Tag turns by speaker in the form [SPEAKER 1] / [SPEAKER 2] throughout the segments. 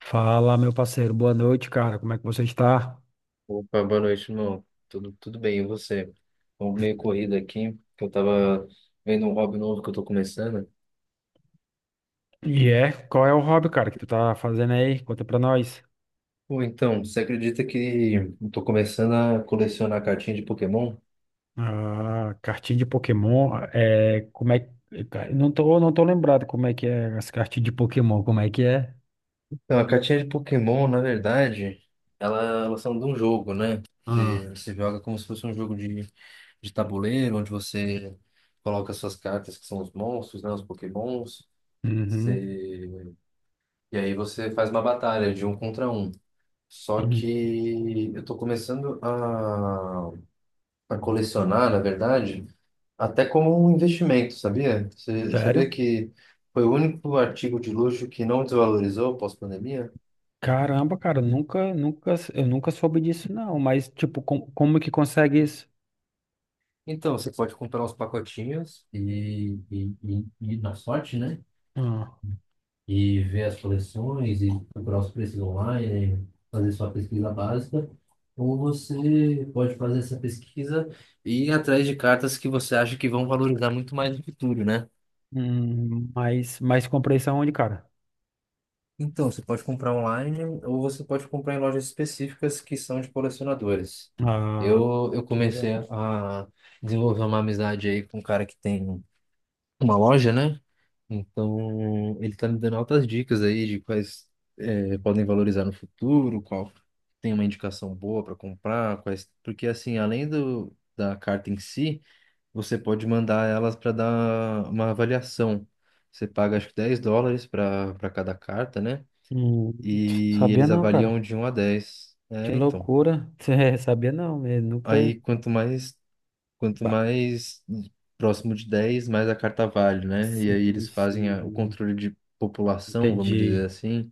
[SPEAKER 1] Fala, meu parceiro. Boa noite, cara. Como é que você está?
[SPEAKER 2] Opa, boa noite, irmão. Tudo bem, e você? Bom, meio corrido aqui, que eu tava vendo um hobby novo que eu tô começando.
[SPEAKER 1] E é, qual é o hobby, cara, que tu tá fazendo aí? Conta pra nós.
[SPEAKER 2] Pô, então, você acredita que eu tô começando a colecionar cartinha de Pokémon?
[SPEAKER 1] Ah, cartinha de Pokémon. É, como é que, cara, não tô lembrado como é que é as cartinhas de Pokémon. Como é que é?
[SPEAKER 2] Então, a cartinha de Pokémon, na verdade, elas são de um jogo, né?
[SPEAKER 1] Ah,
[SPEAKER 2] Você joga como se fosse um jogo de tabuleiro, onde você coloca suas cartas, que são os monstros, né? Os Pokémons.
[SPEAKER 1] uhum,
[SPEAKER 2] Você... E aí você faz uma batalha de um contra um. Só
[SPEAKER 1] uhum.
[SPEAKER 2] que eu estou começando a colecionar, na verdade, até como um investimento, sabia? Você sabia
[SPEAKER 1] Sério?
[SPEAKER 2] que foi o único artigo de luxo que não desvalorizou pós-pandemia?
[SPEAKER 1] Caramba, cara, nunca, nunca, eu nunca soube disso, não. Mas, tipo, como que consegue isso?
[SPEAKER 2] Então, você pode comprar uns pacotinhos e na sorte, né?
[SPEAKER 1] Ah,
[SPEAKER 2] E ver as coleções e procurar os preços online, fazer sua pesquisa básica. Ou você pode fazer essa pesquisa e ir atrás de cartas que você acha que vão valorizar muito mais no futuro, né?
[SPEAKER 1] mas comprei isso aonde, cara?
[SPEAKER 2] Então, você pode comprar online ou você pode comprar em lojas específicas que são de colecionadores.
[SPEAKER 1] Ah,
[SPEAKER 2] Eu
[SPEAKER 1] beleza.
[SPEAKER 2] comecei a desenvolver uma amizade aí com um cara que tem uma loja, né? Então, ele tá me dando altas dicas aí de quais podem valorizar no futuro, qual tem uma indicação boa para comprar, quais... Porque, assim, da carta em si, você pode mandar elas para dar uma avaliação. Você paga, acho que 10 dólares para cada carta, né?
[SPEAKER 1] Hum,
[SPEAKER 2] E
[SPEAKER 1] Sabia
[SPEAKER 2] eles
[SPEAKER 1] não, cara.
[SPEAKER 2] avaliam de 1 a 10.
[SPEAKER 1] Que
[SPEAKER 2] É, então.
[SPEAKER 1] loucura. É, sabia não, né? Nunca.
[SPEAKER 2] Aí quanto mais quanto
[SPEAKER 1] Ba-
[SPEAKER 2] mais próximo de 10, mais a carta vale, né? E aí
[SPEAKER 1] Sim,
[SPEAKER 2] eles fazem o
[SPEAKER 1] sim.
[SPEAKER 2] controle de população, vamos dizer
[SPEAKER 1] Entendi.
[SPEAKER 2] assim,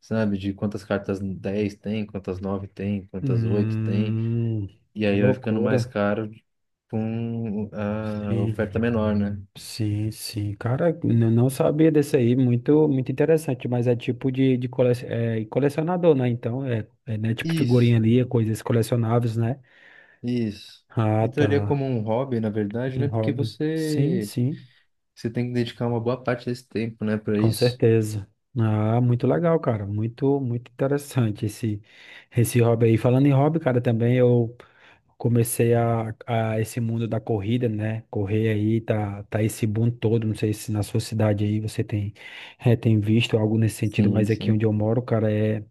[SPEAKER 2] sabe? De quantas cartas 10 tem, quantas 9 tem, quantas 8 tem.
[SPEAKER 1] Hum,
[SPEAKER 2] E
[SPEAKER 1] que
[SPEAKER 2] aí vai ficando mais
[SPEAKER 1] loucura.
[SPEAKER 2] caro com a
[SPEAKER 1] Sim,
[SPEAKER 2] oferta menor, né?
[SPEAKER 1] sim, sim. Cara, eu não sabia desse aí. Muito, muito interessante, mas é tipo de colecionador, né? Então, é, é né? Tipo figurinha
[SPEAKER 2] Isso,
[SPEAKER 1] ali, coisas colecionáveis, né?
[SPEAKER 2] isso.
[SPEAKER 1] Ah,
[SPEAKER 2] Entraria
[SPEAKER 1] tá.
[SPEAKER 2] como um hobby, na verdade,
[SPEAKER 1] Um
[SPEAKER 2] né? Porque
[SPEAKER 1] hobby. Sim, sim.
[SPEAKER 2] você tem que dedicar uma boa parte desse tempo, né, para
[SPEAKER 1] Com
[SPEAKER 2] isso.
[SPEAKER 1] certeza. Ah, muito legal, cara. Muito, muito interessante esse hobby aí. Falando em hobby, cara, também eu comecei a esse mundo da corrida, né? Correr aí, tá esse boom todo. Não sei se na sua cidade aí você tem visto algo nesse sentido,
[SPEAKER 2] Sim,
[SPEAKER 1] mas aqui onde
[SPEAKER 2] sim.
[SPEAKER 1] eu moro, cara,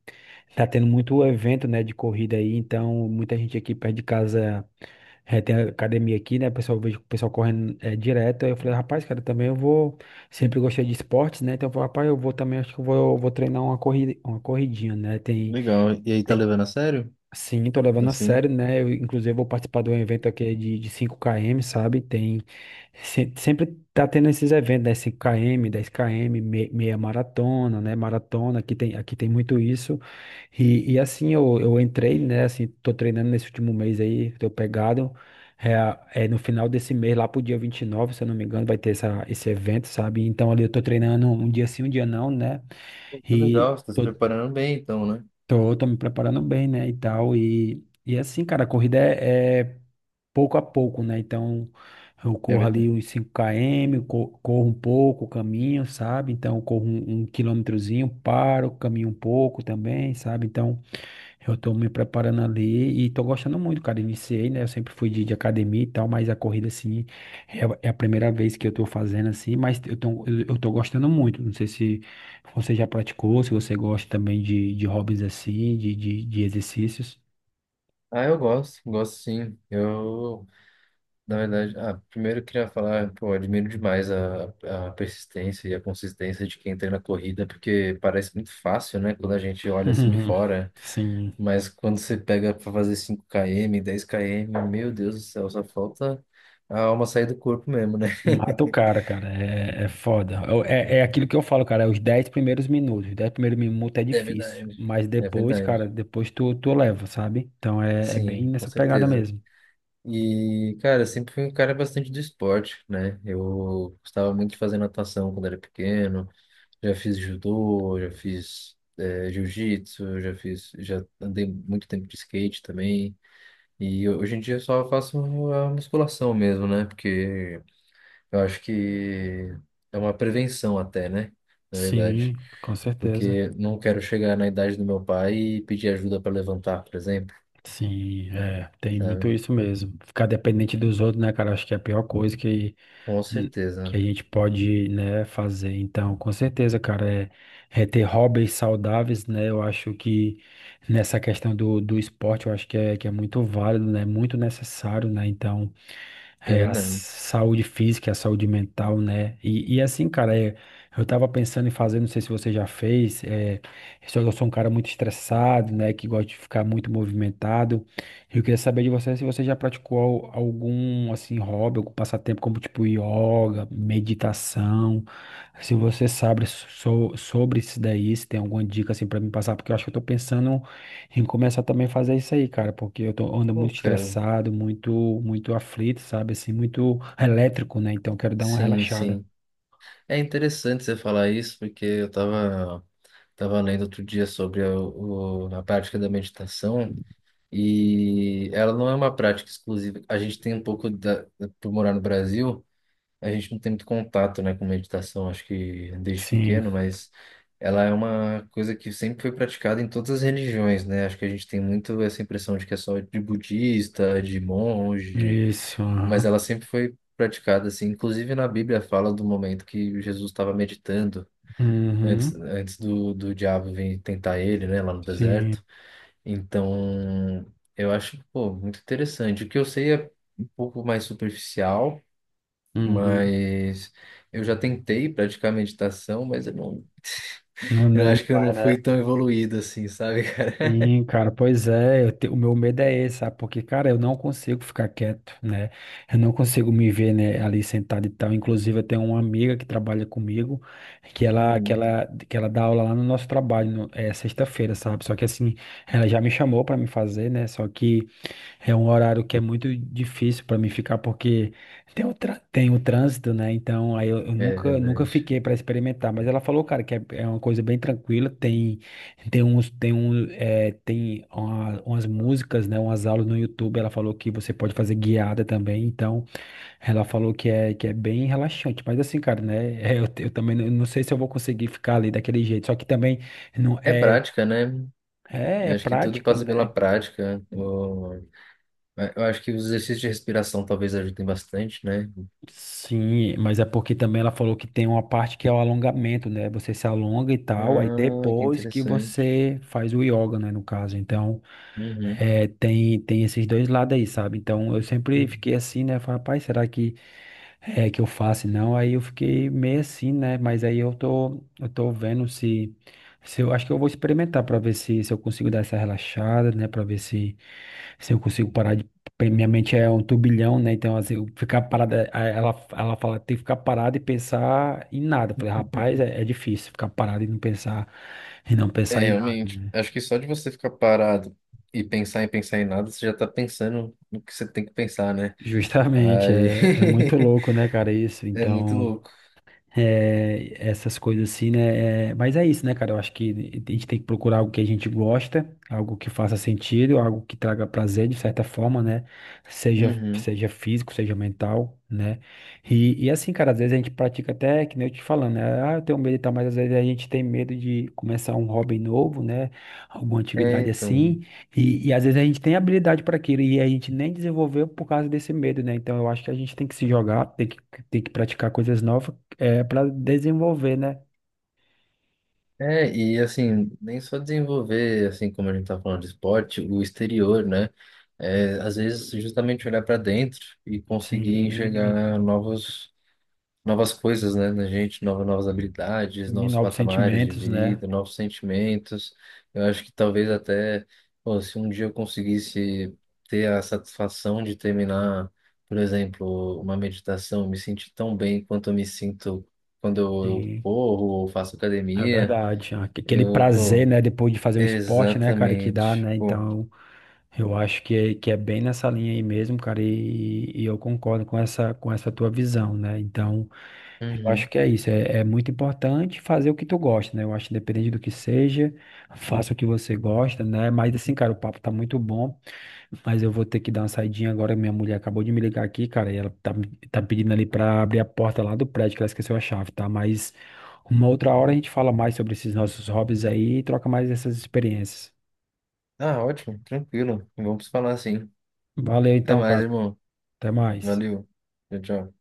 [SPEAKER 1] tá tendo muito evento, né, de corrida aí. Então, muita gente aqui perto de casa. É, tem a academia aqui, né? O pessoal, eu vejo o pessoal correndo direto. Aí eu falei, rapaz, cara, também eu vou. Sempre gostei de esportes, né? Então eu falei, rapaz, eu vou também, acho que eu vou treinar uma corrida, uma corridinha, né?
[SPEAKER 2] Legal. E aí, tá levando a sério?
[SPEAKER 1] Sim, tô levando a
[SPEAKER 2] Assim?
[SPEAKER 1] sério, né? Eu, inclusive, vou participar de um evento aqui de 5 km, sabe? Tem, se- Sempre tá tendo esses eventos, né? 5 km, 10 km, meia maratona, né? Maratona, aqui tem, muito isso. E assim, eu entrei, né? Assim, tô treinando nesse último mês aí, tô pegado. É, é no final desse mês, lá pro dia 29 se eu não me engano, vai ter esse evento, sabe? Então, ali eu tô treinando um dia sim, um dia não, né?
[SPEAKER 2] Pô, que
[SPEAKER 1] E.
[SPEAKER 2] legal, você tá se preparando bem, então, né?
[SPEAKER 1] tô me preparando bem, né, e tal, e assim, cara, a corrida é pouco a pouco, né, então eu
[SPEAKER 2] É
[SPEAKER 1] corro ali
[SPEAKER 2] verdade.
[SPEAKER 1] uns 5 km, corro um pouco, caminho, sabe, então eu corro um quilômetrozinho, paro, caminho um pouco também, sabe, então eu tô me preparando ali e tô gostando muito, cara. Iniciei, né? Eu sempre fui de academia e tal, mas a corrida, assim, é a primeira vez que eu tô fazendo, assim, mas eu tô gostando muito. Não sei se você já praticou, se você gosta também de hobbies assim, de exercícios.
[SPEAKER 2] Ah, eu gosto, gosto sim. Eu, na verdade, ah, primeiro eu queria falar, pô, admiro demais a persistência e a consistência de quem treina corrida, porque parece muito fácil, né, quando a gente olha assim de
[SPEAKER 1] Uhum.
[SPEAKER 2] fora,
[SPEAKER 1] Sim.
[SPEAKER 2] mas quando você pega pra fazer 5 km, 10 km, meu Deus do céu, só falta a alma sair do corpo mesmo, né?
[SPEAKER 1] Mata o cara, cara. É foda. É aquilo que eu falo, cara. É os 10 primeiros minutos. Os 10 primeiros minutos é
[SPEAKER 2] É
[SPEAKER 1] difícil.
[SPEAKER 2] verdade.
[SPEAKER 1] Mas
[SPEAKER 2] É
[SPEAKER 1] depois, cara,
[SPEAKER 2] verdade.
[SPEAKER 1] depois tu leva, sabe? Então é bem
[SPEAKER 2] Sim, com
[SPEAKER 1] nessa pegada
[SPEAKER 2] certeza.
[SPEAKER 1] mesmo.
[SPEAKER 2] E, cara, eu sempre fui um cara bastante do esporte, né? Eu gostava muito de fazer natação quando era pequeno, já fiz judô, já fiz jiu-jitsu, já andei muito tempo de skate também. E hoje em dia eu só faço a musculação mesmo, né? Porque eu acho que é uma prevenção até, né? Na
[SPEAKER 1] Sim,
[SPEAKER 2] verdade.
[SPEAKER 1] com certeza.
[SPEAKER 2] Porque não quero chegar na idade do meu pai e pedir ajuda para levantar, por exemplo,
[SPEAKER 1] Sim, tem muito
[SPEAKER 2] sabe?
[SPEAKER 1] isso mesmo. Ficar dependente dos outros, né, cara? Acho que é a pior coisa
[SPEAKER 2] Com
[SPEAKER 1] hum, que
[SPEAKER 2] certeza,
[SPEAKER 1] a gente pode, né, fazer. Então, com certeza, cara, é ter hobbies saudáveis, né? Eu acho que nessa questão do esporte, eu acho que é muito válido, né? Muito necessário, né? Então.
[SPEAKER 2] é
[SPEAKER 1] A
[SPEAKER 2] verdade.
[SPEAKER 1] saúde física, a saúde mental, né? E assim, cara, eu tava pensando em fazer, não sei se você já fez, só que eu sou um cara muito estressado, né? Que gosta de ficar muito movimentado. Eu queria saber de você se você já praticou algum, assim, hobby, algum passatempo, como tipo yoga, meditação. Se você sabe sobre isso daí, se tem alguma dica, assim, pra me passar, porque eu acho que eu tô pensando. E começar também a fazer isso aí, cara, porque eu ando
[SPEAKER 2] Pô,
[SPEAKER 1] muito
[SPEAKER 2] cara.
[SPEAKER 1] estressado, muito, muito aflito, sabe? Assim, muito elétrico, né? Então eu quero dar uma
[SPEAKER 2] Sim,
[SPEAKER 1] relaxada.
[SPEAKER 2] sim. É interessante você falar isso, porque eu estava tava lendo outro dia sobre a prática da meditação e ela não é uma prática exclusiva. A gente tem um pouco, da, por morar no Brasil, a gente não tem muito contato, né, com meditação, acho que desde
[SPEAKER 1] Sim,
[SPEAKER 2] pequeno, mas ela é uma coisa que sempre foi praticada em todas as religiões, né? Acho que a gente tem muito essa impressão de que é só de budista, de monge,
[SPEAKER 1] isso,
[SPEAKER 2] mas
[SPEAKER 1] aham.
[SPEAKER 2] ela sempre foi praticada assim. Inclusive na Bíblia fala do momento que Jesus estava meditando
[SPEAKER 1] Uhum.
[SPEAKER 2] antes do diabo vir tentar ele, né, lá no
[SPEAKER 1] Sim,
[SPEAKER 2] deserto. Então, eu acho, pô, muito interessante. O que eu sei é um pouco mais superficial,
[SPEAKER 1] uhum.
[SPEAKER 2] mas eu já tentei praticar meditação, mas
[SPEAKER 1] Não,
[SPEAKER 2] eu
[SPEAKER 1] né? Não
[SPEAKER 2] acho que eu
[SPEAKER 1] vai,
[SPEAKER 2] não fui
[SPEAKER 1] né?
[SPEAKER 2] tão evoluído assim, sabe?
[SPEAKER 1] Sim, cara, pois é, o meu medo é esse, sabe? Porque, cara, eu não consigo ficar quieto, né? Eu não consigo me ver, né, ali sentado e tal. Inclusive, eu tenho uma amiga que trabalha comigo, que ela, que
[SPEAKER 2] Uhum.
[SPEAKER 1] ela, que ela dá aula lá no nosso trabalho, é sexta-feira, sabe? Só que assim, ela já me chamou pra me fazer, né? Só que é um horário que é muito difícil pra mim ficar, porque tem o trânsito, né? Então, aí eu
[SPEAKER 2] É
[SPEAKER 1] nunca, nunca
[SPEAKER 2] verdade.
[SPEAKER 1] fiquei pra experimentar. Mas ela falou, cara, que é uma coisa bem tranquila, tem. Tem uns, tem um, é, tem uma- Umas músicas, né, umas aulas no YouTube, ela falou que você pode fazer guiada também, então ela falou que é bem relaxante, mas assim, cara, né, eu também não sei se eu vou conseguir ficar ali daquele jeito, só que também não
[SPEAKER 2] É
[SPEAKER 1] é,
[SPEAKER 2] prática, né?
[SPEAKER 1] é,
[SPEAKER 2] Eu
[SPEAKER 1] é
[SPEAKER 2] acho que tudo
[SPEAKER 1] prática,
[SPEAKER 2] passa pela
[SPEAKER 1] né,
[SPEAKER 2] prática. Eu acho que os exercícios de respiração talvez ajudem bastante, né?
[SPEAKER 1] sim, mas é porque também ela falou que tem uma parte que é o alongamento, né, você se alonga e tal, aí
[SPEAKER 2] Ah, que
[SPEAKER 1] depois que
[SPEAKER 2] interessante.
[SPEAKER 1] você faz o yoga, né, no caso, então.
[SPEAKER 2] Uhum.
[SPEAKER 1] É, tem esses dois lados aí, sabe? Então eu sempre fiquei assim, né? Falei, rapaz, será que é que eu faço? Não, aí eu fiquei meio assim, né? Mas aí eu tô vendo se, se, eu acho que eu vou experimentar pra ver se, eu consigo dar essa relaxada, né? Pra ver se eu consigo parar de. Porque minha mente é um turbilhão, né? Então, assim, eu ficar parada, ela fala, tem que ficar parada e pensar em nada. Eu falei, rapaz, é difícil ficar parado e não pensar, e não
[SPEAKER 2] É,
[SPEAKER 1] pensar em nada,
[SPEAKER 2] realmente.
[SPEAKER 1] né?
[SPEAKER 2] Acho que só de você ficar parado e pensar em nada, você já tá pensando no que você tem que pensar, né?
[SPEAKER 1] Justamente,
[SPEAKER 2] Aí
[SPEAKER 1] é muito louco, né, cara, isso.
[SPEAKER 2] é muito
[SPEAKER 1] Então,
[SPEAKER 2] louco.
[SPEAKER 1] essas coisas assim, né? É, mas é isso, né, cara? Eu acho que a gente tem que procurar algo que a gente gosta, algo que faça sentido, algo que traga prazer de certa forma, né? Seja,
[SPEAKER 2] Uhum.
[SPEAKER 1] seja físico, seja mental, né? E assim, cara, às vezes a gente pratica até, que nem eu te falando, né? Ah, eu tenho medo e tal, mas às vezes a gente tem medo de começar um hobby novo, né? Alguma
[SPEAKER 2] É,
[SPEAKER 1] atividade
[SPEAKER 2] então.
[SPEAKER 1] assim. E às vezes a gente tem habilidade para aquilo e a gente nem desenvolveu por causa desse medo, né? Então eu acho que a gente tem que se jogar, tem que praticar coisas novas para desenvolver, né?
[SPEAKER 2] É, e assim, nem só desenvolver, assim, como a gente tá falando de esporte, o exterior, né? É, às vezes, justamente olhar para dentro e conseguir
[SPEAKER 1] Sim,
[SPEAKER 2] enxergar novos. Novas coisas, né, na gente, novas, novas habilidades,
[SPEAKER 1] e
[SPEAKER 2] novos
[SPEAKER 1] novos
[SPEAKER 2] patamares de
[SPEAKER 1] sentimentos, né?
[SPEAKER 2] vida, novos sentimentos. Eu acho que talvez até, pô, se um dia eu conseguisse ter a satisfação de terminar, por exemplo, uma meditação, me sentir tão bem quanto eu me sinto quando eu
[SPEAKER 1] Sim,
[SPEAKER 2] corro ou faço
[SPEAKER 1] é
[SPEAKER 2] academia,
[SPEAKER 1] verdade. Aquele
[SPEAKER 2] eu,
[SPEAKER 1] prazer,
[SPEAKER 2] pô,
[SPEAKER 1] né? Depois de fazer um esporte, né, cara, que dá,
[SPEAKER 2] exatamente,
[SPEAKER 1] né?
[SPEAKER 2] pô.
[SPEAKER 1] Então, eu acho que é bem nessa linha aí mesmo, cara, e eu concordo com com essa tua visão, né? Então, eu acho
[SPEAKER 2] Uhum.
[SPEAKER 1] que é isso. É muito importante fazer o que tu gosta, né? Eu acho que independente do que seja, faça o que você gosta, né? Mas assim, cara, o papo tá muito bom. Mas eu vou ter que dar uma saidinha agora. Minha mulher acabou de me ligar aqui, cara, e ela tá pedindo ali pra abrir a porta lá do prédio, que ela esqueceu a chave, tá? Mas uma outra hora a gente fala mais sobre esses nossos hobbies aí e troca mais essas experiências.
[SPEAKER 2] Ah, ótimo, tranquilo. Vamos falar assim.
[SPEAKER 1] Valeu
[SPEAKER 2] Até
[SPEAKER 1] então,
[SPEAKER 2] mais,
[SPEAKER 1] cara.
[SPEAKER 2] irmão.
[SPEAKER 1] Até mais.
[SPEAKER 2] Valeu. Tchau, tchau.